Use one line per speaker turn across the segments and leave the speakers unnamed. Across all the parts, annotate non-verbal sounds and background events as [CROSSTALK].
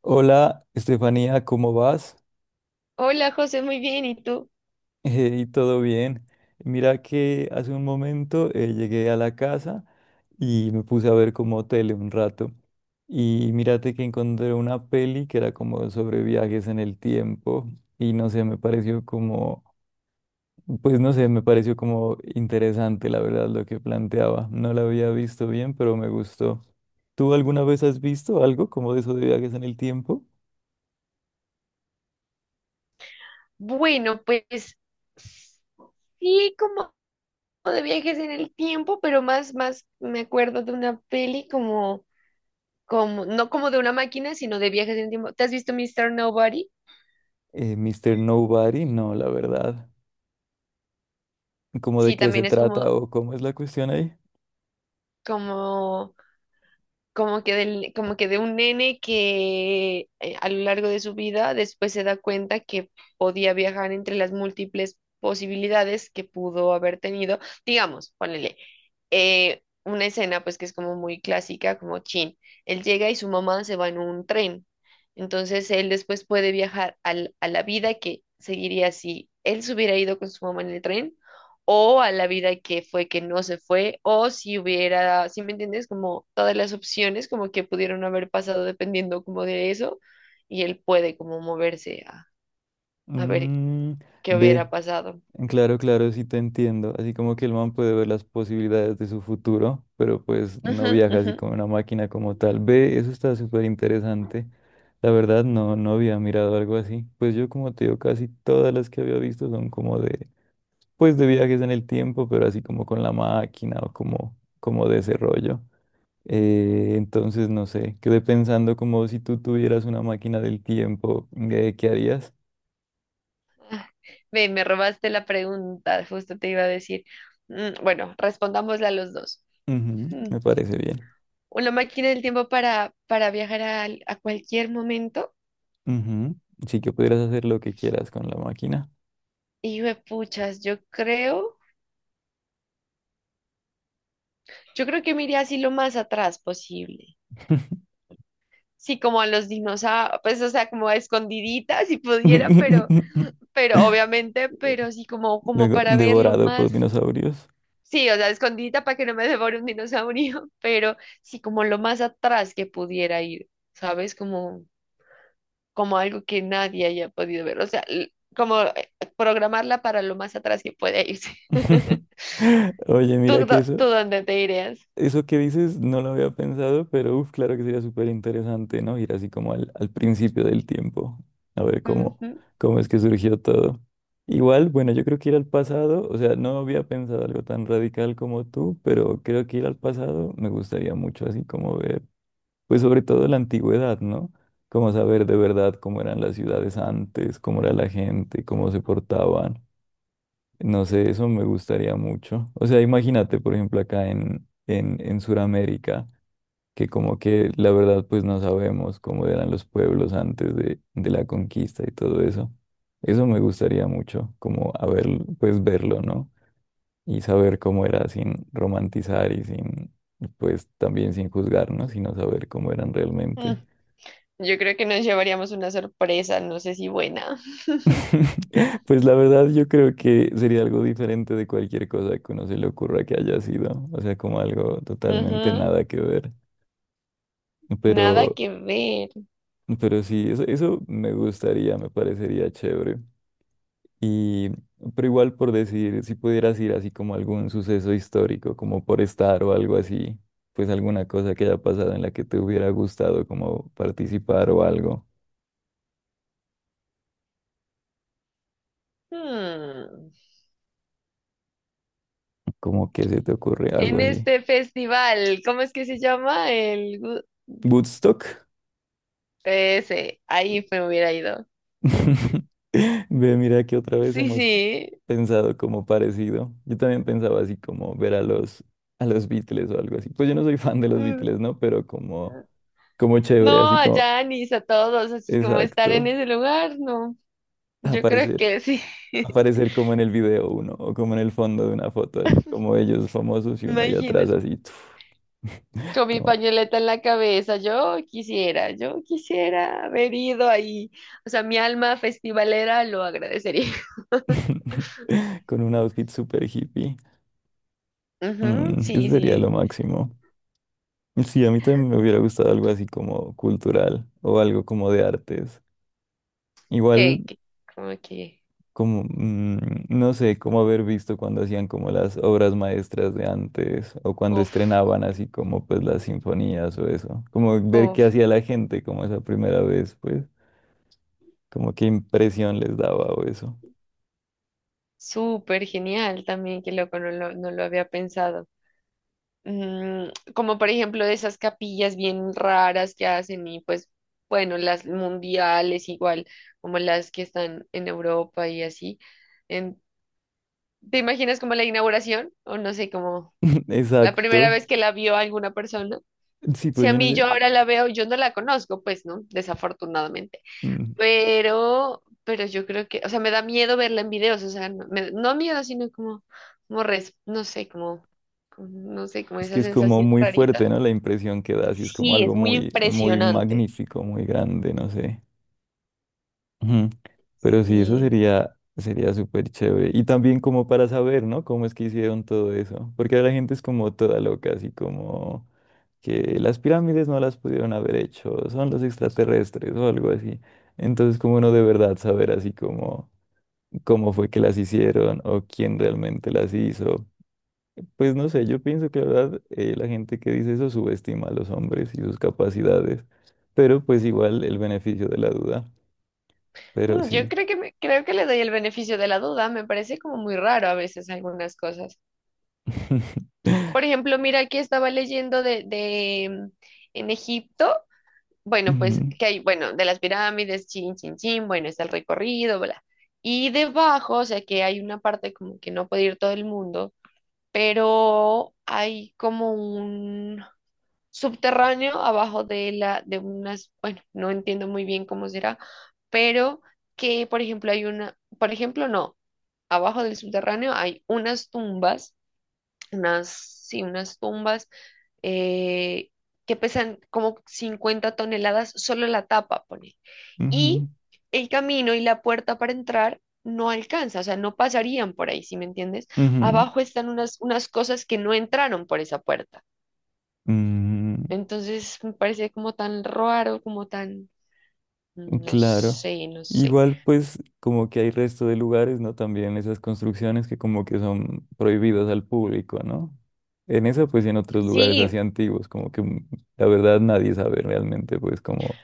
Hola, Estefanía, ¿cómo vas? [LAUGHS]
Hola José, muy bien, ¿y tú?
¿Y todo bien? Mira que hace un momento llegué a la casa y me puse a ver como tele un rato. Y mírate que encontré una peli que era como sobre viajes en el tiempo y no sé, me pareció como, pues no sé, me pareció como interesante la verdad lo que planteaba. No la había visto bien, pero me gustó. ¿Tú alguna vez has visto algo como de eso de viajes en el tiempo?
Bueno, pues sí, como de viajes en el tiempo, pero más me acuerdo de una peli como, no como de una máquina, sino de viajes en el tiempo. ¿Te has visto Mr. Nobody?
Mr. Nobody, no, la verdad. ¿Cómo de
Sí,
qué se
también es
trata
como,
o cómo es la cuestión ahí?
como como que de un nene que a lo largo de su vida después se da cuenta que podía viajar entre las múltiples posibilidades que pudo haber tenido. Digamos, ponele una escena pues que es como muy clásica, como Chin. Él llega y su mamá se va en un tren. Entonces él después puede viajar a la vida que seguiría si él se hubiera ido con su mamá en el tren o a la vida que fue que no se fue, o si hubiera, ¿si me entiendes? Como todas las opciones como que pudieron haber pasado dependiendo como de eso, y él puede como moverse a ver
Mm,
qué
ve,
hubiera pasado.
claro, claro, sí te entiendo. Así como que el man puede ver las posibilidades de su futuro, pero pues no
Ujú,
viaja
ujú.
así como una máquina como tal. Ve, eso está súper interesante. La verdad, no, no había mirado algo así. Pues yo, como te digo, casi todas las que había visto son como de, pues de viajes en el tiempo, pero así como con la máquina o como de ese rollo. Entonces, no sé, quedé pensando como si tú tuvieras una máquina del tiempo, ¿qué harías?
Ve, me robaste la pregunta, justo te iba a decir. Bueno, respondámosla los dos.
Ujú,
Mm.
me parece bien.
Una máquina del tiempo para viajar a, cualquier momento.
Ujú, sí que pudieras hacer lo que quieras con la máquina.
Y puchas, yo creo que me iría así lo más atrás posible. Sí, como a los dinosaurios, pues, o sea, como a escondiditas si pudiera, pero
[LAUGHS]
obviamente, pero sí, como
Luego,
para verlo
devorado por
más,
dinosaurios.
sí, o sea, escondidita para que no me devore un dinosaurio, [LAUGHS] pero sí, como lo más atrás que pudiera ir, ¿sabes? Como algo que nadie haya podido ver, o sea, como, programarla para lo más atrás que pueda irse.
[LAUGHS]
[LAUGHS]
Oye,
¿Tú,
mira que
dó-
eso,
tú dónde te irías?
Eso que dices no lo había pensado, pero uf, claro que sería súper interesante, ¿no? Ir así como al principio del tiempo, a ver cómo,
Ujú.
cómo es que surgió todo. Igual, bueno, yo creo que ir al pasado, o sea, no había pensado algo tan radical como tú, pero creo que ir al pasado me gustaría mucho así como ver, pues sobre todo la antigüedad, ¿no? Como saber de verdad cómo eran las ciudades antes, cómo era la gente, cómo se portaban. No sé, eso me gustaría mucho. O sea, imagínate, por ejemplo, acá en Sudamérica, que como que la verdad pues no sabemos cómo eran los pueblos antes de la conquista y todo eso. Eso me gustaría mucho, como haber, pues verlo, ¿no? Y saber cómo era sin romantizar y sin, pues también sin juzgarnos, sino saber cómo eran
Mm,
realmente.
Yo creo que nos llevaríamos una sorpresa, no sé si buena.
[LAUGHS] Pues la verdad yo creo que sería algo diferente de cualquier cosa que uno se le ocurra que haya sido, o sea, como algo
[LAUGHS]
totalmente
Ujú.
nada que ver,
Nada
pero,
que ver.
pero sí, eso me gustaría, me parecería chévere. Y, pero igual por decir, si pudieras ir así como a algún suceso histórico, como por estar o algo así, pues alguna cosa que haya pasado en la que te hubiera gustado como participar o algo,
Hmm.
como que se te ocurre algo
En
así.
este festival, ¿cómo es que se llama? El gu-
Woodstock.
ese, ahí me hubiera ido.
[LAUGHS] Ve, mira que otra vez
Sí,
hemos
sí.
pensado como parecido. Yo también pensaba así como ver a los Beatles o algo así. Pues yo no soy fan de los Beatles,
Mm,
¿no? Pero como chévere,
No,
así
a
como,
Janis, a todos, así como estar en
exacto,
ese lugar, no. Yo creo
aparecer,
que sí. [LAUGHS]
aparecer como en el video uno o como en el fondo de una foto, así como ellos famosos y uno allá atrás
Imagínate.
así, [LAUGHS]
Con mi
toma,
pañoleta en la cabeza, yo quisiera haber ido ahí. O sea, mi alma festivalera lo agradecería.
[LAUGHS] con un outfit super hippie.
[LAUGHS] Ujú,
Eso
sí,
sería lo
sí.
máximo. Sí, a mí también me hubiera gustado algo así como cultural o algo como de artes. Igual
Que, como que.
como, no sé, como haber visto cuando hacían como las obras maestras de antes o cuando
Uf.
estrenaban así como pues las sinfonías o eso. Como ver qué
Uf,
hacía la gente como esa primera vez, pues, como qué impresión les daba o eso.
súper genial también, qué loco, no lo había pensado. Mm, como por ejemplo de esas capillas bien raras que hacen y pues bueno, las mundiales igual, como las que están en Europa y así. En- ¿Te imaginas como la inauguración? O no sé, como
[LAUGHS]
la primera
Exacto.
vez que la vio alguna persona.
Sí,
Si
pues
a
yo no
mí
sé.
yo ahora la veo, yo no la conozco, pues no, desafortunadamente.
mm,
Pero yo creo que, o sea, me da miedo verla en videos, o sea, no, no miedo, sino como, no sé, no sé, como
Es
esa
que es como
sensación
muy
rarita.
fuerte, ¿no? La impresión que da, así es como
Sí,
algo
es muy
muy, muy
impresionante.
magnífico, muy grande, no sé. Ujú. Pero sí, eso
Sí.
sería súper chévere. Y también como para saber, ¿no? Cómo es que hicieron todo eso. Porque la gente es como toda loca, así como que las pirámides no las pudieron haber hecho, son los extraterrestres o algo así. Entonces, como uno de verdad saber así como cómo fue que las hicieron o quién realmente las hizo. Pues no sé, yo pienso que la verdad la gente que dice eso subestima a los hombres y sus capacidades. Pero pues igual el beneficio de la duda. Pero
Yo
sí.
creo que me, creo que le doy el beneficio de la duda, me parece como muy raro a veces algunas cosas.
[LAUGHS]
Por ejemplo, mira que estaba leyendo en Egipto. Bueno, pues
Ujú,
que hay, bueno, de las pirámides, chin, chin, chin, bueno, está el recorrido, bla. Y debajo, o sea que hay una parte como que no puede ir todo el mundo, pero hay como un subterráneo abajo de unas, bueno, no entiendo muy bien cómo será, pero que, por ejemplo, hay una, por ejemplo, no, abajo del subterráneo hay unas tumbas, unas, sí, unas tumbas eh, que pesan como 50 toneladas, solo la tapa, pone. Y
ujú,
el camino y la puerta para entrar no alcanza, o sea, no pasarían por ahí, ¿sí me entiendes?
ujú,
Abajo están unas cosas que no entraron por esa puerta.
ujú.
Entonces me parece como tan raro, como tan, no
Claro.
sé, no sé.
Igual, pues, como que hay resto de lugares, ¿no? También esas construcciones que como que son prohibidas al público, ¿no? En eso, pues, y en otros lugares así
Sí,
antiguos, como que la verdad nadie sabe realmente, pues, como,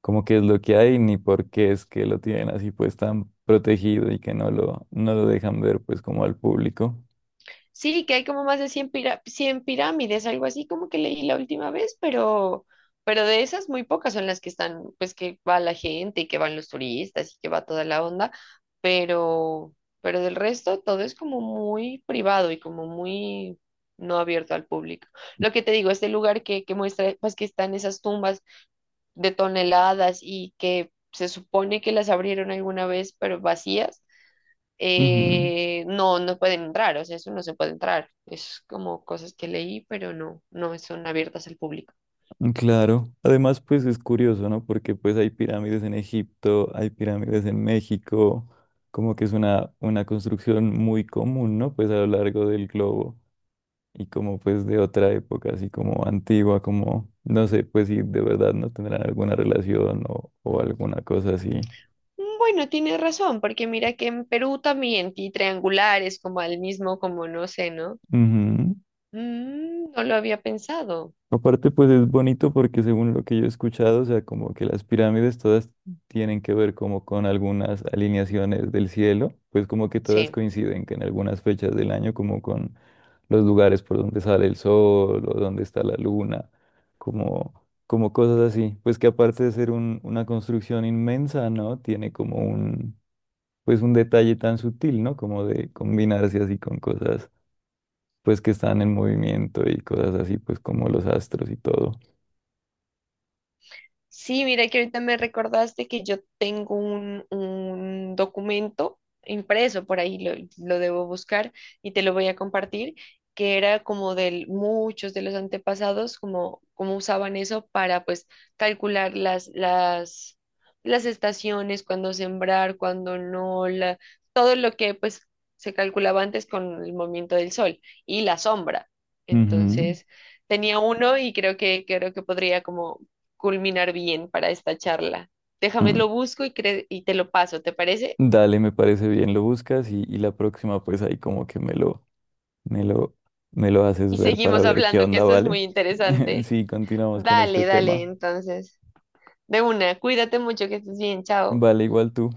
como qué es lo que hay, ni por qué es que lo tienen así, pues, tan protegido y que no lo dejan ver, pues, como al público.
sí, que hay como más de cien pirámides, algo así como que leí la última vez, pero, de esas muy pocas son las que están, pues que va la gente y que van los turistas y que va toda la onda, pero, pero del resto todo es como muy privado y como muy no abierto al público. Lo que te digo, este lugar que muestra, pues que están esas tumbas de toneladas y que se supone que las abrieron alguna vez, pero vacías no, no pueden entrar, o sea, eso no se puede entrar. Es como cosas que leí, pero no, no son abiertas al público.
Claro, además pues es curioso, ¿no? Porque pues hay pirámides en Egipto, hay pirámides en México, como que es una construcción muy común, ¿no? Pues a lo largo del globo y como pues de otra época, así como antigua, como no sé, pues si de verdad no tendrán alguna relación o alguna cosa así.
Bueno, tienes razón, porque mira que en Perú también y triangulares, como al mismo, como no sé, ¿no?
Ujú.
No lo había pensado.
Aparte, pues es bonito porque según lo que yo he escuchado, o sea, como que las pirámides todas tienen que ver como con algunas alineaciones del cielo, pues como que todas
Sí.
coinciden que en algunas fechas del año, como con los lugares por donde sale el sol o donde está la luna, como, como cosas así. Pues que aparte de ser una construcción inmensa, ¿no? Tiene como un, pues un detalle tan sutil, ¿no? Como de combinarse así con cosas, pues que están en movimiento y cosas así, pues como los astros y todo.
Sí, mira que ahorita me recordaste que yo tengo un documento impreso, por ahí lo debo buscar y te lo voy a compartir, que era como de muchos de los antepasados, como usaban eso para pues calcular las estaciones, cuándo sembrar, cuándo no, todo lo que pues se calculaba antes con el movimiento del sol y la sombra.
Ujú,
Entonces. Tenía uno y creo que podría como culminar bien para esta charla. Déjame
mm.
lo busco y te lo paso, ¿te parece?
Dale, me parece bien, lo buscas y la próxima pues ahí como que me lo, me lo haces
Y
ver para
seguimos
ver qué
hablando, que
onda,
esto es muy
¿vale? [LAUGHS]
interesante.
Sí, continuamos con este
Dale, dale,
tema.
entonces. De una, cuídate mucho, que estés bien, chao.
Vale, igual tú.